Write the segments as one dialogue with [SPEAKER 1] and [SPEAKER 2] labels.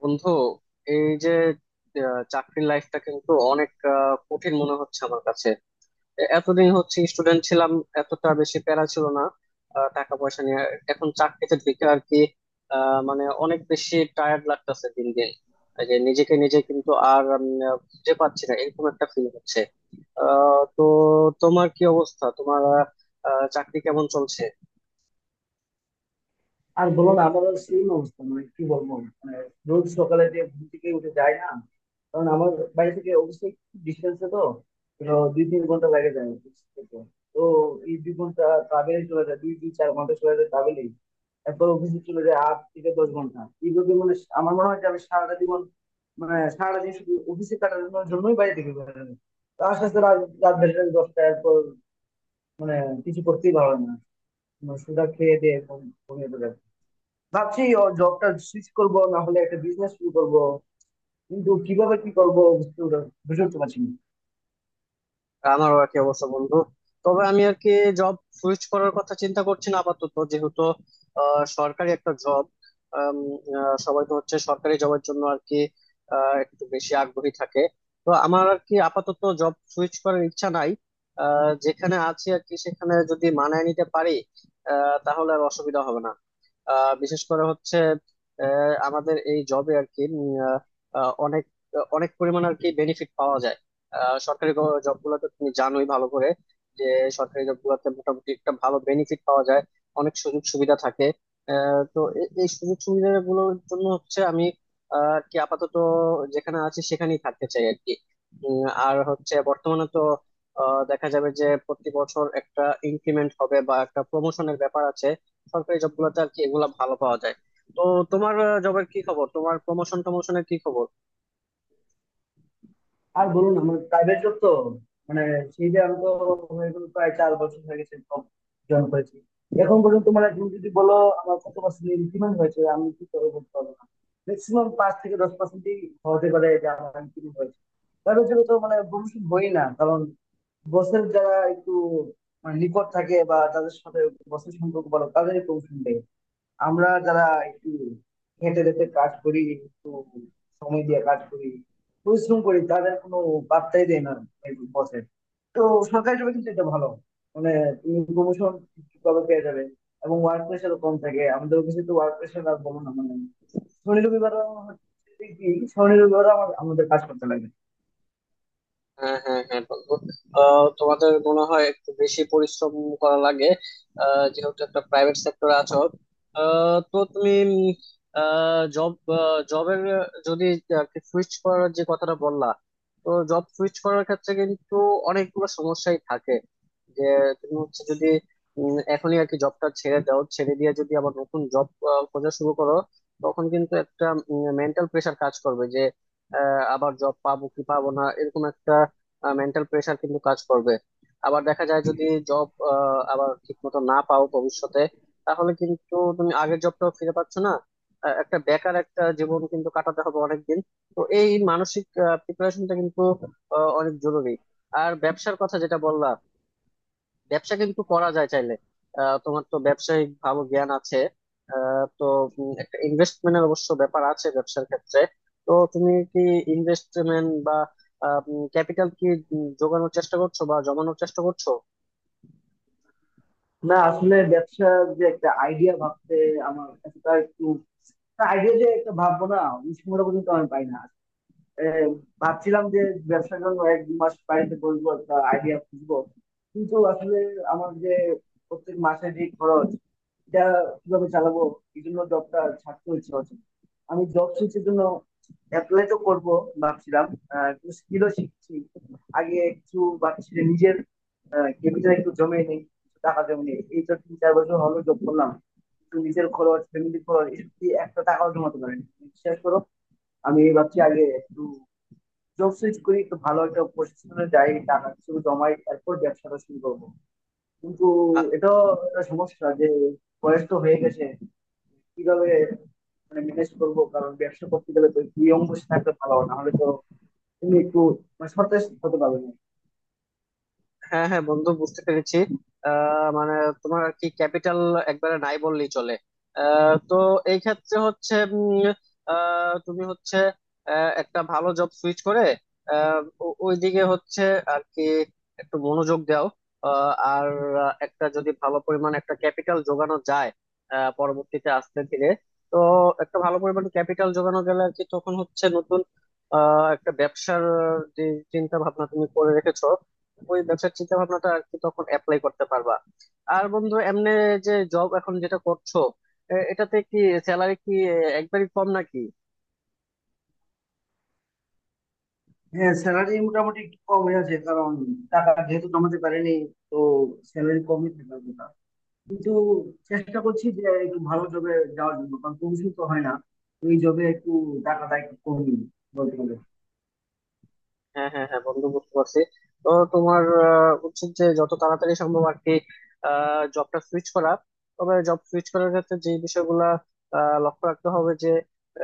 [SPEAKER 1] বন্ধু, এই যে চাকরির লাইফটা কিন্তু অনেক কঠিন মনে হচ্ছে আমার কাছে। এতদিন হচ্ছে স্টুডেন্ট ছিলাম, এতটা বেশি প্যারা ছিল না টাকা পয়সা নিয়ে। এখন চাকরিতে ঢুকে আর কি মানে অনেক বেশি টায়ার্ড লাগতেছে দিন দিন। এই যে নিজেকে নিজে কিন্তু আর খুঁজে পাচ্ছি না, এরকম একটা ফিল হচ্ছে। তো, তোমার কি অবস্থা? তোমার আহ, আহ, চাকরি কেমন চলছে?
[SPEAKER 2] আর বলো না, আমারও সেম অবস্থা। মানে কি বলবো, মানে রোজ সকালে যে ঘুম থেকে উঠে যায় না। কারণ আমার বাড়ি থেকে অবশ্যই ডিস্টেন্সে তো তো 2-3 ঘন্টা লাগে যায় office থেকে। তো এই 2 ঘন্টা ট্রাভেলে চলে যায়, দুই দুই 4 ঘন্টা চলে যায় ট্রাভেলেই। তারপর অফিসে চলে যায় 8-10 ঘন্টা। এইভাবে মানে আমার মনে হয় যে আমি সারাটা জীবন, মানে সারাটা দিন শুধু অফিসে কাটানোর জন্যই বাড়ি থেকে বেরোনো। তো আস্তে আস্তে রাত রাত বেড়ে যায় 10টা। এরপর মানে কিছু করতেই ভালো লাগে না। মানে সোজা খেয়ে দিয়ে ঘুমিয়ে পড়ে। ভাবছি ও জবটা সুইচ করবো, না হলে একটা বিজনেস শুরু করব। কিন্তু কিভাবে কি করব বুঝে উঠতে পারছি না।
[SPEAKER 1] আমারও আর কি অবস্থা, বন্ধু। তবে আমি আর কি জব সুইচ করার কথা চিন্তা করছি না আপাতত, যেহেতু সরকারি একটা জব। সবাই তো হচ্ছে সরকারি জবের জন্য আর কি একটু বেশি আগ্রহী থাকে। তো আমার আর কি আপাতত জব সুইচ করার ইচ্ছা নাই। যেখানে আছি আর কি সেখানে যদি মানায় নিতে পারি, তাহলে আর অসুবিধা হবে না। বিশেষ করে হচ্ছে আমাদের এই জবে আর কি অনেক অনেক পরিমাণ আর কি বেনিফিট পাওয়া যায়। সরকারি জব গুলোতে তুমি জানোই ভালো করে যে সরকারি জব গুলোতে মোটামুটি একটা ভালো বেনিফিট পাওয়া যায়, অনেক সুযোগ সুবিধা থাকে। তো এই সুযোগ সুবিধা গুলোর জন্য হচ্ছে আমি আর কি আপাতত যেখানে আছি সেখানেই থাকতে চাই আর কি। আর হচ্ছে বর্তমানে তো দেখা যাবে যে প্রতি বছর একটা ইনক্রিমেন্ট হবে বা একটা প্রমোশনের ব্যাপার আছে। সরকারি জব গুলোতে আর কি এগুলা ভালো পাওয়া যায়। তো তোমার জবের কি খবর? তোমার প্রমোশন টমোশনের কি খবর?
[SPEAKER 2] আর বলুন, আমার প্রাইভেট জব তো। মানে সেই যে আমি তো হয়ে গেলো, প্রায় 4 বছর হয়ে গেছে জয়েন করেছি। এখন পর্যন্ত মানে তুমি যদি বলো আমার কত পার্সেন্ট ইনক্রিমেন্ট হয়েছে, আমি কি করে বলতে পারবো না। ম্যাক্সিমাম 5-10%-ই হতে পারে যে আমার ইনক্রিমেন্ট হয়েছে। প্রাইভেট জবে তো মানে প্রমোশন হই না, কারণ বসের যারা একটু মানে নিকট থাকে বা তাদের সাথে বসের সম্পর্ক বলো, তাদেরই প্রমোশন। আমরা যারা একটু খেটে খেটে কাজ করি, একটু সময় দিয়ে কাজ করি, পরিশ্রম করি, তাদের কোনো পাত্তাই দেয় না বসের। তো সরকারি জবে কিন্তু এটা ভালো, মানে তুমি প্রমোশন ঠিকভাবে পেয়ে যাবে এবং ওয়ার্ক প্রেশারও কম থাকে। আমাদের অফিসে তো ওয়ার্ক প্রেশার আর বলো না, মানে শনি রবিবার হচ্ছে কি, শনি রবিবার আমার আমাদের কাজ করতে লাগে।
[SPEAKER 1] হ্যাঁ, হ্যাঁ, হ্যাঁ বন্ধু। তোমাদের মনে হয় একটু বেশি পরিশ্রম করা লাগে, যেহেতু একটা প্রাইভেট সেক্টরে আছো। তো তুমি জব জবের যদি সুইচ করার যে কথাটা বললা, তো জব সুইচ করার ক্ষেত্রে কিন্তু অনেকগুলো সমস্যাই থাকে। যে তুমি হচ্ছে যদি এখনই আর কি জবটা ছেড়ে দাও, ছেড়ে দিয়ে যদি আবার নতুন জব খোঁজা শুরু করো, তখন কিন্তু একটা মেন্টাল প্রেশার কাজ করবে যে আবার জব পাবো কি পাবো না, এরকম একটা মেন্টাল প্রেশার কিন্তু কাজ করবে। আবার দেখা যায় যদি জব আবার ঠিক মতো না পাও ভবিষ্যতে, তাহলে কিন্তু তুমি আগের জবটাও ফিরে পাচ্ছ না, একটা বেকার একটা জীবন কিন্তু কাটাতে হবে অনেকদিন। তো এই মানসিক প্রিপারেশনটা কিন্তু অনেক জরুরি। আর ব্যবসার কথা যেটা বললা, ব্যবসা কিন্তু করা যায় চাইলে। তোমার তো ব্যবসায়িক ভালো জ্ঞান আছে। তো একটা ইনভেস্টমেন্টের অবশ্য ব্যাপার আছে ব্যবসার ক্ষেত্রে। তো তুমি কি ইনভেস্টমেন্ট বা ক্যাপিটাল কি জোগানোর চেষ্টা করছো বা জমানোর চেষ্টা করছো?
[SPEAKER 2] না, আসলে ব্যবসার যে একটা আইডিয়া ভাবতে আমার কাছে তা একটু, আইডিয়া যে একটা ভাববো, না ওই সময়টা পর্যন্ত আমি পাই না। এ, ভাবছিলাম যে ব্যবসার জন্য 1-2 মাস বাড়িতে বসবো, একটা আইডিয়া খুঁজবো। কিন্তু আসলে আমার যে প্রত্যেক মাসে যে খরচ, এটা কিভাবে চালাবো, এই জন্য জবটা ছাড়তে হচ্ছে অচেনা। আমি জব সুইচের জন্য অ্যাপ্লাই তো করবো ভাবছিলাম। কিছু স্কিলও শিখছি। আগে কিছু ভাবছি যে নিজের ক্যাপিটাল একটু জমে নেই, কিছু টাকা জমে নেই। এই তো 3-4 বছর হলো জব করলাম, কিন্তু নিজের খরচ, ফ্যামিলি খরচ এসব দিয়ে একটা টাকাও জমাতে পারেনি, বিশ্বাস করো। আমি এই ভাবছি আগে একটু জব সুইচ করি তো, ভালো একটা পজিশনে যাই, টাকা কিছু জমাই, তারপর ব্যবসাটা শুরু করবো। কিন্তু এটা একটা সমস্যা যে বয়স তো হয়ে গেছে, কিভাবে মানে ম্যানেজ করবো। কারণ ব্যবসা করতে গেলে তো দুই অঙ্গ থাকতে ভালো, না হলে তো তুমি একটু মানে সতেজ হতে পারবে না।
[SPEAKER 1] হ্যাঁ, হ্যাঁ বন্ধু, বুঝতে পেরেছি। মানে তোমার আর কি ক্যাপিটাল একবারে নাই বললেই চলে। তো এই ক্ষেত্রে হচ্ছে তুমি হচ্ছে একটা ভালো জব সুইচ করে আহ, ওইদিকে হচ্ছে আর কি একটু মনোযোগ দাও। আহ, আর একটা যদি ভালো পরিমাণ একটা ক্যাপিটাল জোগানো যায় পরবর্তীতে আস্তে ধীরে, তো একটা ভালো পরিমাণ ক্যাপিটাল জোগানো গেলে আর কি তখন হচ্ছে নতুন একটা ব্যবসার যে চিন্তা ভাবনা তুমি করে রেখেছো, ওই ব্যবসার চিন্তা ভাবনাটা আর কি তখন অ্যাপ্লাই করতে পারবা। আর বন্ধু, এমনি যে জব এখন যেটা করছো, এটাতে কি স্যালারি কি একবারই কম নাকি?
[SPEAKER 2] হ্যাঁ, স্যালারি মোটামুটি একটু কমই আছে, কারণ টাকা যেহেতু জমাতে পারিনি, তো স্যালারি কমই থাকার কথা। কিন্তু চেষ্টা করছি যে একটু ভালো জবে যাওয়ার জন্য, কারণ কমিশন তো হয় না ওই জবে, একটু টাকাটা একটু কমই বলতে গেলে।
[SPEAKER 1] হ্যাঁ, হ্যাঁ, হ্যাঁ বন্ধু, বুঝতে পারছি। তো তোমার উচিত যে যত তাড়াতাড়ি সম্ভব আর কি জবটা সুইচ করা। তবে জব সুইচ করার ক্ষেত্রে যে বিষয়গুলা লক্ষ্য রাখতে হবে, যে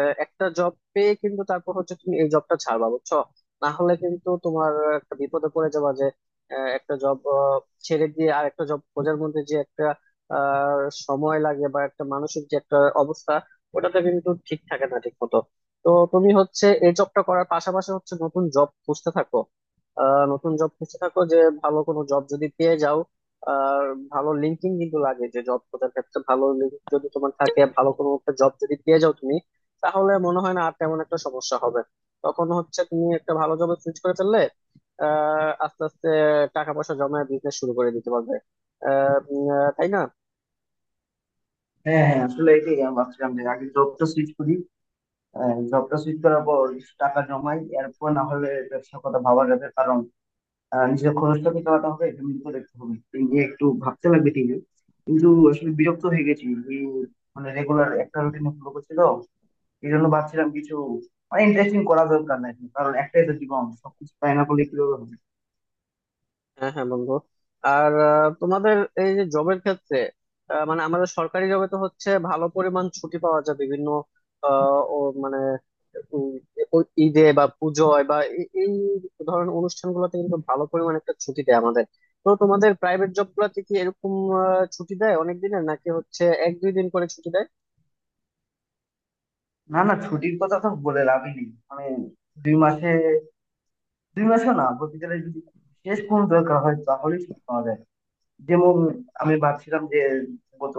[SPEAKER 1] একটা জব পেয়ে কিন্তু তারপর হচ্ছে তুমি এই জবটা ছাড়বা, বুঝছো? না হলে কিন্তু তোমার একটা বিপদে পড়ে যাবা, যে একটা জব ছেড়ে দিয়ে আর একটা জব খোঁজার মধ্যে যে একটা আহ, সময় লাগে, বা একটা মানসিক যে একটা অবস্থা, ওটাতে কিন্তু ঠিক থাকে না ঠিক মতো। তো তুমি হচ্ছে এই জবটা করার পাশাপাশি হচ্ছে নতুন জব খুঁজতে থাকো। নতুন জব খুঁজতে থাকো, যে ভালো কোনো জব যদি পেয়ে যাও। আর ভালো লিঙ্কিং কিন্তু লাগে যে জব খোঁজার ক্ষেত্রে, ভালো লিঙ্ক যদি তোমার থাকে, ভালো কোনো একটা জব যদি পেয়ে যাও তুমি, তাহলে মনে হয় না আর তেমন একটা সমস্যা হবে। তখন হচ্ছে তুমি একটা ভালো জবে সুইচ করে ফেললে, আস্তে আস্তে টাকা পয়সা জমায় বিজনেস শুরু করে দিতে পারবে, তাই না?
[SPEAKER 2] হ্যাঁ হ্যাঁ, আসলে এটাই আমি ভাবছিলাম যে আগে জবটা সুইচ করি, জবটা সুইচ করার পর কিছু টাকা জমাই, এরপর না হলে ব্যবসার কথা ভাবা যাবে। কারণ নিজের খরচটা তো চালাতে হবে, ফ্যামিলিকে দেখতে হবে, এই নিয়ে একটু ভাবতে লাগবে ঠিকই। কিন্তু আসলে বিরক্ত হয়ে গেছি এই, মানে রেগুলার একটা রুটিন ফলো করছি তো, এই জন্য ভাবছিলাম কিছু মানে ইন্টারেস্টিং করা দরকার নাই। কারণ একটাই তো জীবন, সবকিছু তাই না করলে কিভাবে হবে।
[SPEAKER 1] হ্যাঁ, হ্যাঁ বন্ধু। আর তোমাদের এই যে জবের ক্ষেত্রে, মানে আমাদের সরকারি জবে তো হচ্ছে ভালো পরিমাণ ছুটি পাওয়া যায় বিভিন্ন আহ, ও মানে উম, ঈদে বা পুজোয় বা এই ধরনের অনুষ্ঠানগুলোতে কিন্তু ভালো পরিমাণ একটা ছুটি দেয় আমাদের। তো তোমাদের প্রাইভেট জব গুলাতে কি এরকম ছুটি দেয় অনেক দিনের, নাকি হচ্ছে 1-2 দিন করে ছুটি দেয়?
[SPEAKER 2] না না, ছুটির কথা তো বলে লাভই নেই। মানে দুই মাসে দুই মাসও না বলতে গেলে, যদি শেষ কোন দরকার হয় তাহলে ছুটি পাওয়া যায়। যেমন আমি ভাবছিলাম যে গত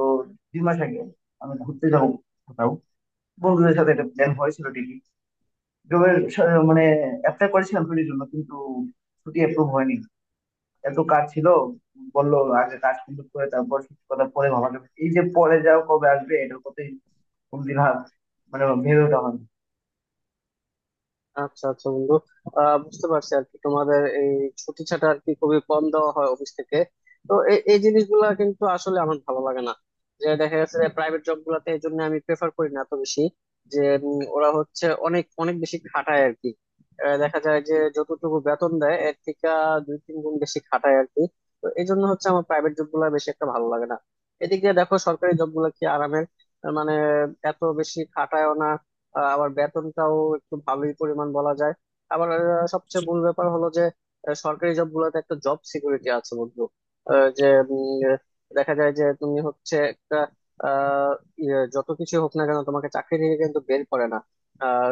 [SPEAKER 2] 2 মাস আগে আমি ঘুরতে যাব কোথাও বন্ধুদের সাথে, একটা প্ল্যান হয়েছিল ঠিকই। জবের মানে অ্যাপ্লাই করেছিলাম ছুটির জন্য, কিন্তু ছুটি অ্যাপ্রুভ হয়নি। এত কাজ ছিল, বললো আগে কাজ কমপ্লিট করে তারপর ছুটির কথা পরে ভাবা যাবে, এই যে পরে যাও কবে আসবে এটার কথাই কোনদিন ভাব মানে ভেবে ওঠা হয়নি।
[SPEAKER 1] আচ্ছা, আচ্ছা বন্ধু। বুঝতে পারছি আর কি তোমাদের এই ছুটি ছাটা আর কি খুবই কম দেওয়া হয় অফিস থেকে। তো এই এই জিনিসগুলা কিন্তু আসলে আমার ভালো লাগে না, যে দেখা গেছে যে প্রাইভেট জব গুলাতে এই জন্য আমি প্রেফার করি না এত বেশি। যে ওরা হচ্ছে অনেক অনেক বেশি খাটায় আর কি। দেখা যায় যে যতটুকু বেতন দেয় এর থেকে 2-3 গুণ বেশি খাটায় আর কি। তো এই জন্য হচ্ছে আমার প্রাইভেট জব গুলা বেশি একটা ভালো লাগে না। এদিকে দেখো সরকারি জব গুলা কি আরামের! মানে এত বেশি খাটায়ও না, আবার বেতনটাও একটু ভালোই পরিমাণ বলা যায়। আবার সবচেয়ে মূল ব্যাপার হলো যে সরকারি জব গুলোতে একটা জব সিকিউরিটি আছে বন্ধু। যে উম, আহ, দেখা যায় যে তুমি হচ্ছে একটা আহ, যত কিছু হোক না কেন তোমাকে চাকরি থেকে কিন্তু বের করে না।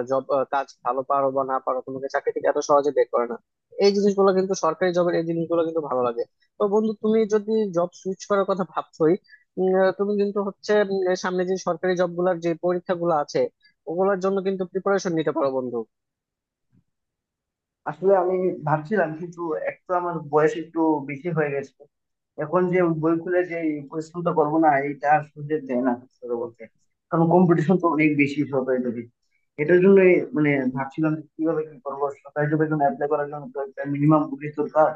[SPEAKER 1] জব, কাজ ভালো পারো বা না পারো, তোমাকে চাকরি থেকে এত সহজে বের করে না। এই জিনিসগুলো কিন্তু সরকারি জবের, এই জিনিসগুলো কিন্তু ভালো লাগে। তো বন্ধু, তুমি যদি জব সুইচ করার কথা ভাবছোই, তুমি কিন্তু হচ্ছে সামনে যে সরকারি জব গুলার যে পরীক্ষাগুলো আছে, ওগুলোর জন্য কিন্তু প্রিপারেশন নিতে পারো বন্ধু।
[SPEAKER 2] আসলে আমি ভাবছিলাম কিন্তু, এক তো আমার বয়স একটু বেশি হয়ে গেছে। এখন যে বই খুলে যে এই পরিশ্রমটা করবো না, এইটা আর সুযোগ দেয় না সত্যি কথা বলতে। কারণ কম্পিটিশন তো অনেক বেশি সরকারি চাকরি এটার জন্য। মানে ভাবছিলাম যে কিভাবে কি করবো, সরকারি জবের জন্য অ্যাপ্লাই করার জন্য তো একটা মিনিমাম বয়স দরকার,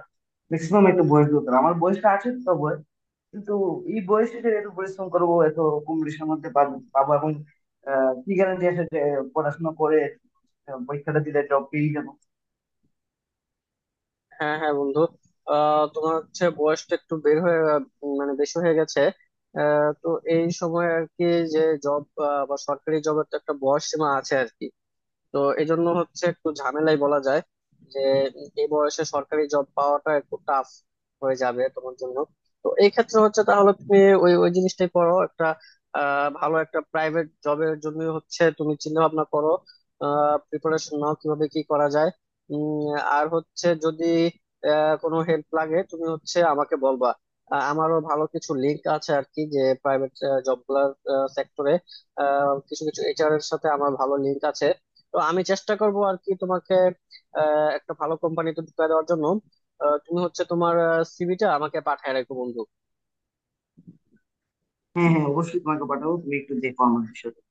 [SPEAKER 2] ম্যাক্সিমাম একটা বয়স দরকার। আমার বয়সটা আছে তো বয়স, কিন্তু এই বয়সে যে এত পরিশ্রম করবো, এত কম্পিটিশনের মধ্যে পাবো, এবং কি গ্যারান্টি আছে যে পড়াশোনা করে পরীক্ষাটা দিলে জব পেয়ে যাবো।
[SPEAKER 1] হ্যাঁ, হ্যাঁ বন্ধু। তোমার হচ্ছে বয়সটা একটু বের হয়ে মানে বেশি হয়ে গেছে। তো এই সময় আর কি, যে জব বা সরকারি জবের তো একটা বয়স সীমা আছে আর কি। তো এই জন্য হচ্ছে একটু ঝামেলাই বলা যায়, যে এই বয়সে সরকারি জব পাওয়াটা একটু টাফ হয়ে যাবে তোমার জন্য। তো এই ক্ষেত্রে হচ্ছে তাহলে তুমি ওই ওই জিনিসটাই করো। একটা ভালো একটা প্রাইভেট জবের জন্য হচ্ছে তুমি চিন্তা ভাবনা করো, প্রিপারেশন নাও কিভাবে কি করা যায়। আর হচ্ছে যদি কোনো হেল্প লাগে, তুমি হচ্ছে আমাকে বলবা। আমারও ভালো কিছু লিঙ্ক আছে আর কি, যে প্রাইভেট জব গুলার সেক্টরে কিছু কিছু এইচআর এর সাথে আমার ভালো লিঙ্ক আছে। তো আমি চেষ্টা করব আর কি তোমাকে একটা ভালো কোম্পানিতে ঢুকিয়ে দেওয়ার জন্য। তুমি হচ্ছে তোমার সিভিটা আমাকে পাঠায় রাখো বন্ধু।
[SPEAKER 2] হ্যাঁ হ্যাঁ, অবশ্যই তোমাকে পাঠাবো, তুমি একটু দেখো আমার বিষয়টা।